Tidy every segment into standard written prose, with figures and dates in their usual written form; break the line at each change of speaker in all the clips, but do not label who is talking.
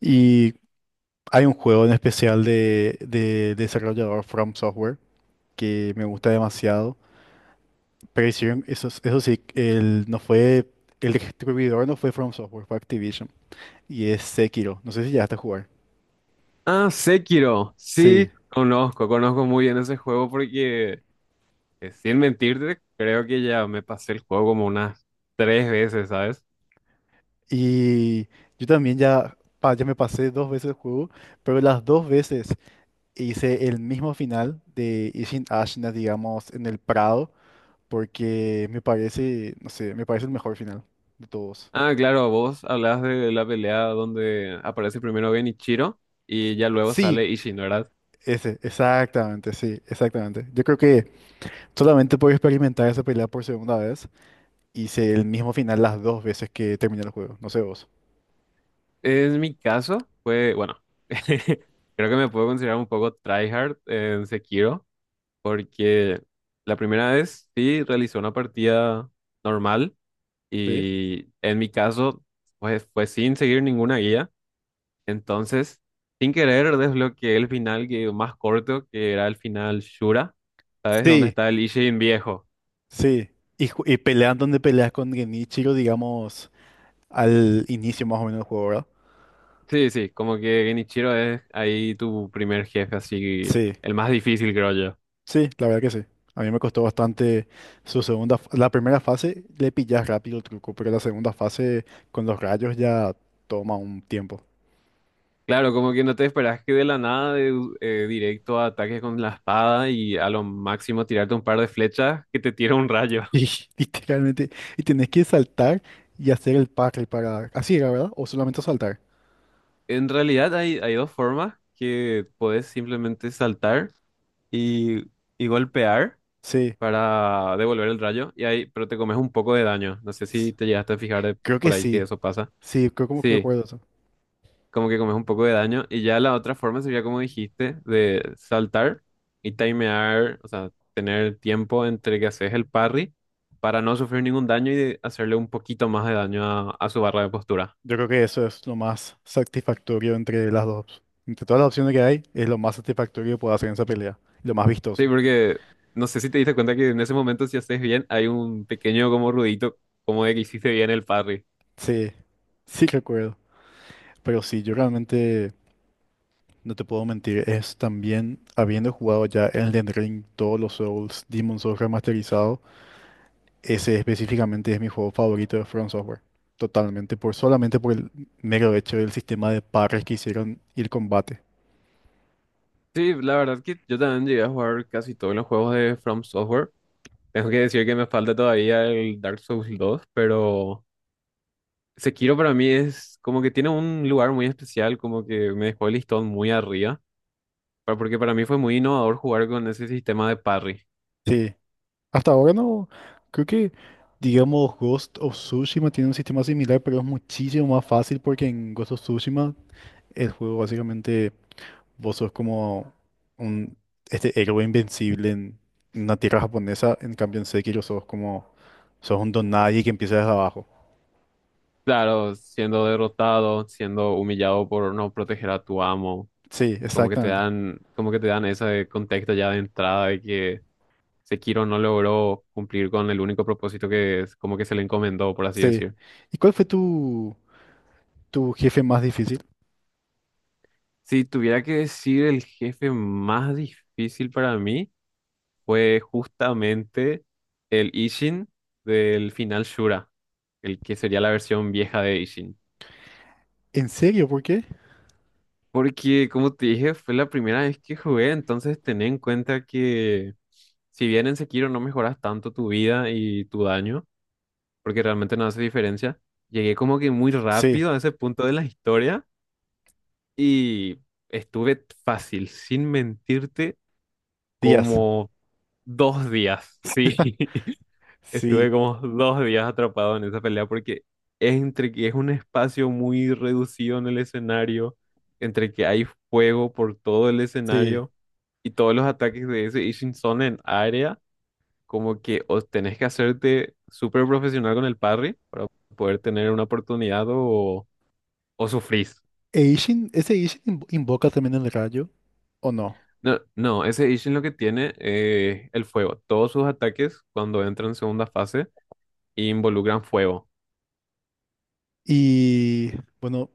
Y hay un juego en especial de desarrollador From Software que me gusta demasiado. Pero hicieron, eso sí, no fue, el distribuidor no fue From Software, fue Activision. Y es Sekiro. No sé si ya a jugar.
Ah, Sekiro.
Sí.
Sí, conozco, conozco muy bien ese juego porque, sin mentirte, creo que ya me pasé el juego como unas 3 veces, ¿sabes?
Y yo también ya, ya me pasé dos veces el juego, pero las dos veces hice el mismo final de Ishin Ashina, digamos, en el Prado, porque me parece, no sé, me parece el mejor final de todos.
Ah, claro, vos hablas de la pelea donde aparece primero Genichiro y ya luego
Sí,
sale Ishin, ¿verdad?
ese, exactamente, sí, exactamente. Yo creo que solamente puedo experimentar esa pelea por segunda vez y sé el mismo final las dos veces que terminé el juego. No sé vos.
En mi caso, fue, bueno, creo que me puedo considerar un poco tryhard en Sekiro porque la primera vez sí realicé una partida normal.
¿Sí?
Y en mi caso, pues fue sin seguir ninguna guía. Entonces, sin querer, desbloqueé el final que, más corto, que era el final Shura. ¿Sabes dónde
Sí,
está el Ishin viejo?
sí. Y, y pelean donde peleas con Genichiro, digamos, al inicio más o menos del juego, ¿verdad?
Sí, sí, como que Genichiro es ahí tu primer jefe, así,
Sí,
el más difícil, creo yo.
sí, la verdad que sí. A mí me costó bastante su La primera fase le pillas rápido el truco, pero la segunda fase con los rayos ya toma un tiempo.
Claro, como que no te esperas que de la nada, de, directo a ataques con la espada y a lo máximo tirarte un par de flechas que te tira un rayo.
Y literalmente, y tenés que saltar y hacer el parry para... Así era, ¿verdad? O solamente saltar.
En realidad hay, hay dos formas que puedes simplemente saltar y, y golpear
Sí,
para devolver el rayo, y ahí, pero te comes un poco de daño. No sé si
s-
te llegaste a fijar de
creo que
por ahí que
sí.
eso pasa.
Sí, creo como que
Sí,
recuerdo eso.
como que comes un poco de daño. Y ya la otra forma sería como dijiste, de saltar y timear, o sea, tener tiempo entre que haces el parry para no sufrir ningún daño y de hacerle un poquito más de daño a su barra de postura.
Yo creo que eso es lo más satisfactorio entre las dos. Entre todas las opciones que hay, es lo más satisfactorio que puedo hacer en esa pelea. Y lo más
Sí,
vistoso.
porque no sé si te diste cuenta que en ese momento si haces bien hay un pequeño como ruidito como de que hiciste bien el parry.
Sí, sí recuerdo. Pero sí, yo realmente no te puedo mentir. Es también habiendo jugado ya Elden Ring, todos los Souls, Demon Souls remasterizado. Ese específicamente es mi juego favorito de From Software. Totalmente, por, solamente por el mero hecho del sistema de parries que hicieron y el combate.
Sí, la verdad es que yo también llegué a jugar casi todos los juegos de From Software. Tengo que decir que me falta todavía el Dark Souls 2, pero Sekiro para mí es como que tiene un lugar muy especial, como que me dejó el listón muy arriba, porque para mí fue muy innovador jugar con ese sistema de parry.
Sí, hasta ahora no. Creo que, digamos, Ghost of Tsushima tiene un sistema similar, pero es muchísimo más fácil porque en Ghost of Tsushima el juego básicamente vos sos como un héroe invencible en una tierra japonesa. En cambio, en Sekiro sos como sos un don nadie que empieza desde abajo.
Claro, siendo derrotado, siendo humillado por no proteger a tu amo,
Sí,
como que te
exactamente.
dan, como que te dan ese contexto ya de entrada de que Sekiro no logró cumplir con el único propósito que es como que se le encomendó, por así
Sí.
decir.
¿Y cuál fue tu jefe más difícil?
Si tuviera que decir el jefe más difícil para mí, fue justamente el Ishin del final Shura, el que sería la versión vieja de Ishin.
¿En serio? ¿Por qué?
Porque, como te dije, fue la primera vez que jugué, entonces ten en cuenta que si bien en Sekiro no mejoras tanto tu vida y tu daño, porque realmente no hace diferencia, llegué como que muy
Sí,
rápido a ese punto de la historia y estuve fácil, sin mentirte,
Díaz.
como... 2 días, sí. Estuve
Sí,
como 2 días atrapado en esa pelea porque es entre que es un espacio muy reducido en el escenario, entre que hay fuego por todo el
sí.
escenario y todos los ataques de ese Ishin son en área, como que o tenés que hacerte súper profesional con el parry para poder tener una oportunidad o sufrís.
E ¿ese Ishin invoca también el rayo o no?
No, no, ese Ishin lo que tiene el fuego. Todos sus ataques cuando entran en segunda fase involucran fuego.
Y bueno,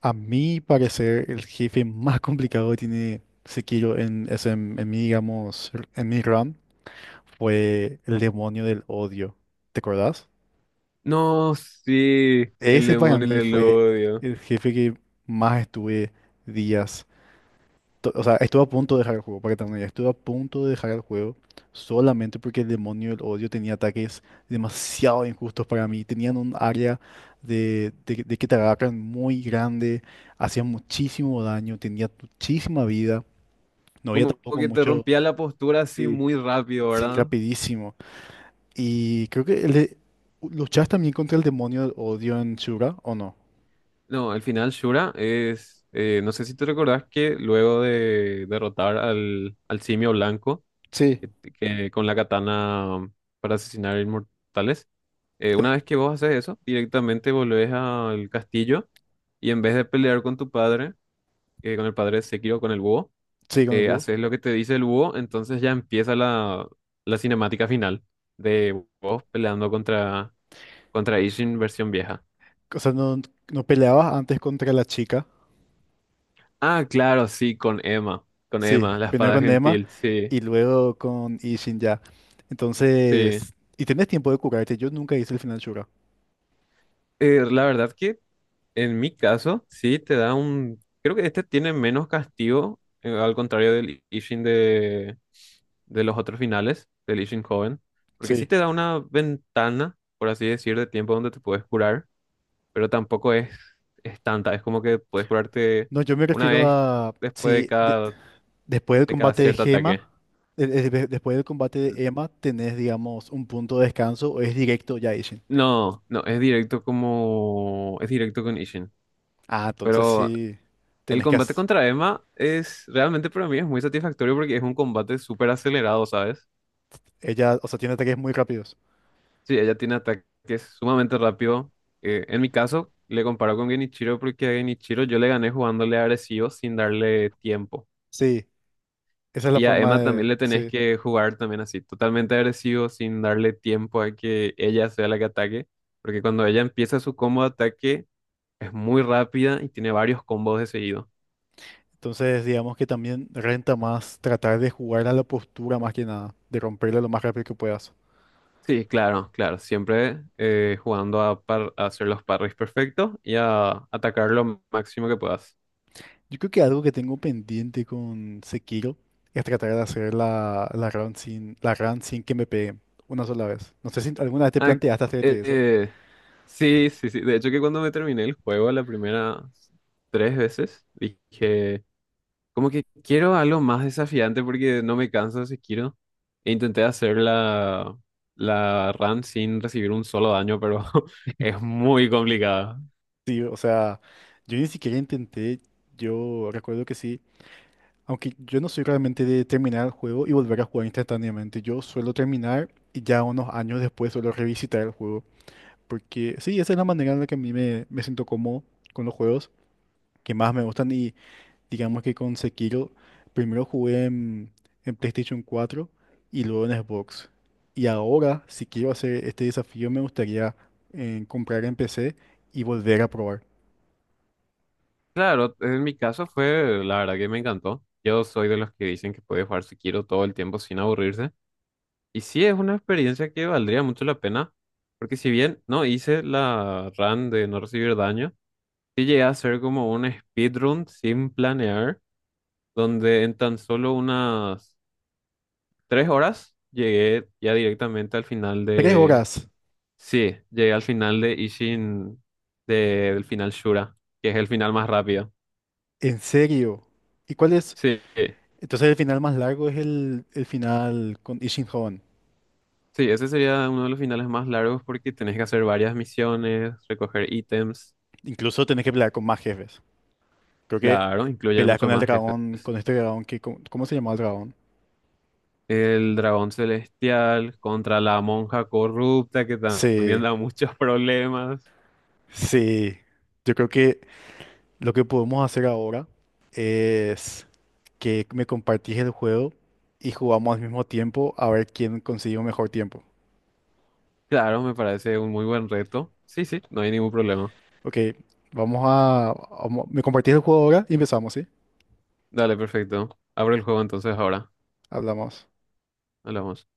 a mi parecer, el jefe más complicado que tiene Sekiro en mi, digamos, en mi run fue el demonio del odio. ¿Te acordás?
No, sí, el
Ese para
demonio
mí
del
fue
odio.
el jefe que más estuve días. O sea, estuve a punto de dejar el juego, para que también estuve a punto de dejar el juego solamente porque el demonio del odio tenía ataques demasiado injustos para mí. Tenían un área de que te agarran muy grande, hacían muchísimo daño, tenía muchísima vida. No había
Como
tampoco
que te
mucho.
rompía la postura así
Sí,
muy rápido,
sí,
¿verdad?
rapidísimo. Y creo que luchas también contra el demonio del odio en Shura, ¿o no?
No, al final Shura es, no sé si te recordás que luego de derrotar al, al simio blanco
Sí,
que con la katana para asesinar inmortales, una
sí,
vez que vos haces eso, directamente volvés al castillo y en vez de pelear con tu padre, con el padre de Sekiro, con el búho,
sí, con el búho.
haces lo que te dice el búho, entonces ya empieza la, la cinemática final de vos peleando contra, contra Ishin versión vieja.
O sea, no peleabas antes contra la chica.
Ah, claro, sí, con
Sí,
Emma, la
primero
espada
con Emma
gentil, sí,
y luego con Ishin ya.
sí.
Entonces, y tenés tiempo de curarte. Yo nunca hice el final Shura.
La verdad que en mi caso, sí, te da un... Creo que este tiene menos castigo, al contrario del Ishin de los otros finales, del Ishin joven, porque sí
Sí.
te da una ventana, por así decir, de tiempo donde te puedes curar. Pero tampoco es, es tanta. Es como que puedes curarte
No, yo me
una
refiero
vez
a
después
si de- después del
de cada
combate de
cierto ataque.
Gema, de- después del combate de Emma, tenés, digamos, un punto de descanso o es directo ya Ishin.
No, no, es directo como... Es directo con Ishin.
Ah, entonces
Pero
sí,
el
tenés que
combate
hacer.
contra Emma es... Realmente para mí es muy satisfactorio porque es un combate súper acelerado, ¿sabes?
Ella, o sea, tiene ataques muy rápidos.
Sí, ella tiene ataques sumamente rápido. En mi caso, le comparo con Genichiro porque a Genichiro yo le gané jugándole agresivo sin darle tiempo.
Sí, esa es la
Y a
forma
Emma también
de.
le tenés
Sí.
que jugar también así, totalmente agresivo, sin darle tiempo a que ella sea la que ataque, porque cuando ella empieza su combo de ataque es muy rápida y tiene varios combos de seguido.
Entonces, digamos que también renta más tratar de jugar a la postura más que nada, de romperla lo más rápido que puedas.
Sí, claro, claro, siempre jugando a, a hacer los parries perfectos y a atacar lo máximo que puedas.
Yo creo que algo que tengo pendiente con Sekiro es tratar de hacer la run sin que me peguen una sola vez. No sé si alguna vez te
Ah,
planteaste hacerte
eh,
eso.
eh, sí, sí, sí, de hecho que cuando me terminé el juego la primera tres veces, dije... Como que quiero algo más desafiante porque no me canso si quiero. E intenté hacer la, la run sin recibir un solo daño, pero es muy complicada.
Sí, o sea, yo ni siquiera intenté, yo recuerdo que sí, aunque yo no soy realmente de terminar el juego y volver a jugar instantáneamente, yo suelo terminar y ya unos años después suelo revisitar el juego, porque sí, esa es la manera en la que a me siento cómodo con los juegos que más me gustan. Y digamos que con Sekiro primero jugué en PlayStation 4 y luego en Xbox. Y ahora, si quiero hacer este desafío, me gustaría comprar en PC y volver a probar.
Claro, en mi caso fue, la verdad que me encantó. Yo soy de los que dicen que puede jugar si quiero todo el tiempo sin aburrirse. Y sí, es una experiencia que valdría mucho la pena, porque si bien no hice la run de no recibir daño, sí llegué a hacer como un speedrun sin planear, donde en tan solo unas 3 horas, llegué ya directamente al final
Tres
de...
horas,
Sí, llegué al final de Ishin, del final Shura, que es el final más rápido.
¿en serio? ¿Y cuál es?
Sí,
Entonces el final más largo es el final con Ishinhan.
sí, ese sería uno de los finales más largos porque tenés que hacer varias misiones, recoger ítems,
Incluso tenés que pelear con más jefes. Creo que
claro, incluyen
peleas
muchos
con el
más jefes.
dragón, con este dragón que... cómo se llama el dragón?
El dragón celestial contra la monja corrupta que también
Sí,
da muchos problemas.
sí. Yo creo que lo que podemos hacer ahora es que me compartís el juego y jugamos al mismo tiempo a ver quién consigue un mejor tiempo.
Claro, me parece un muy buen reto. Sí, sí, no hay ningún problema.
Ok, vamos a... me compartís el juego ahora y empezamos, ¿sí?
Dale, perfecto. Abro el juego entonces ahora.
Hablamos.
Hablamos.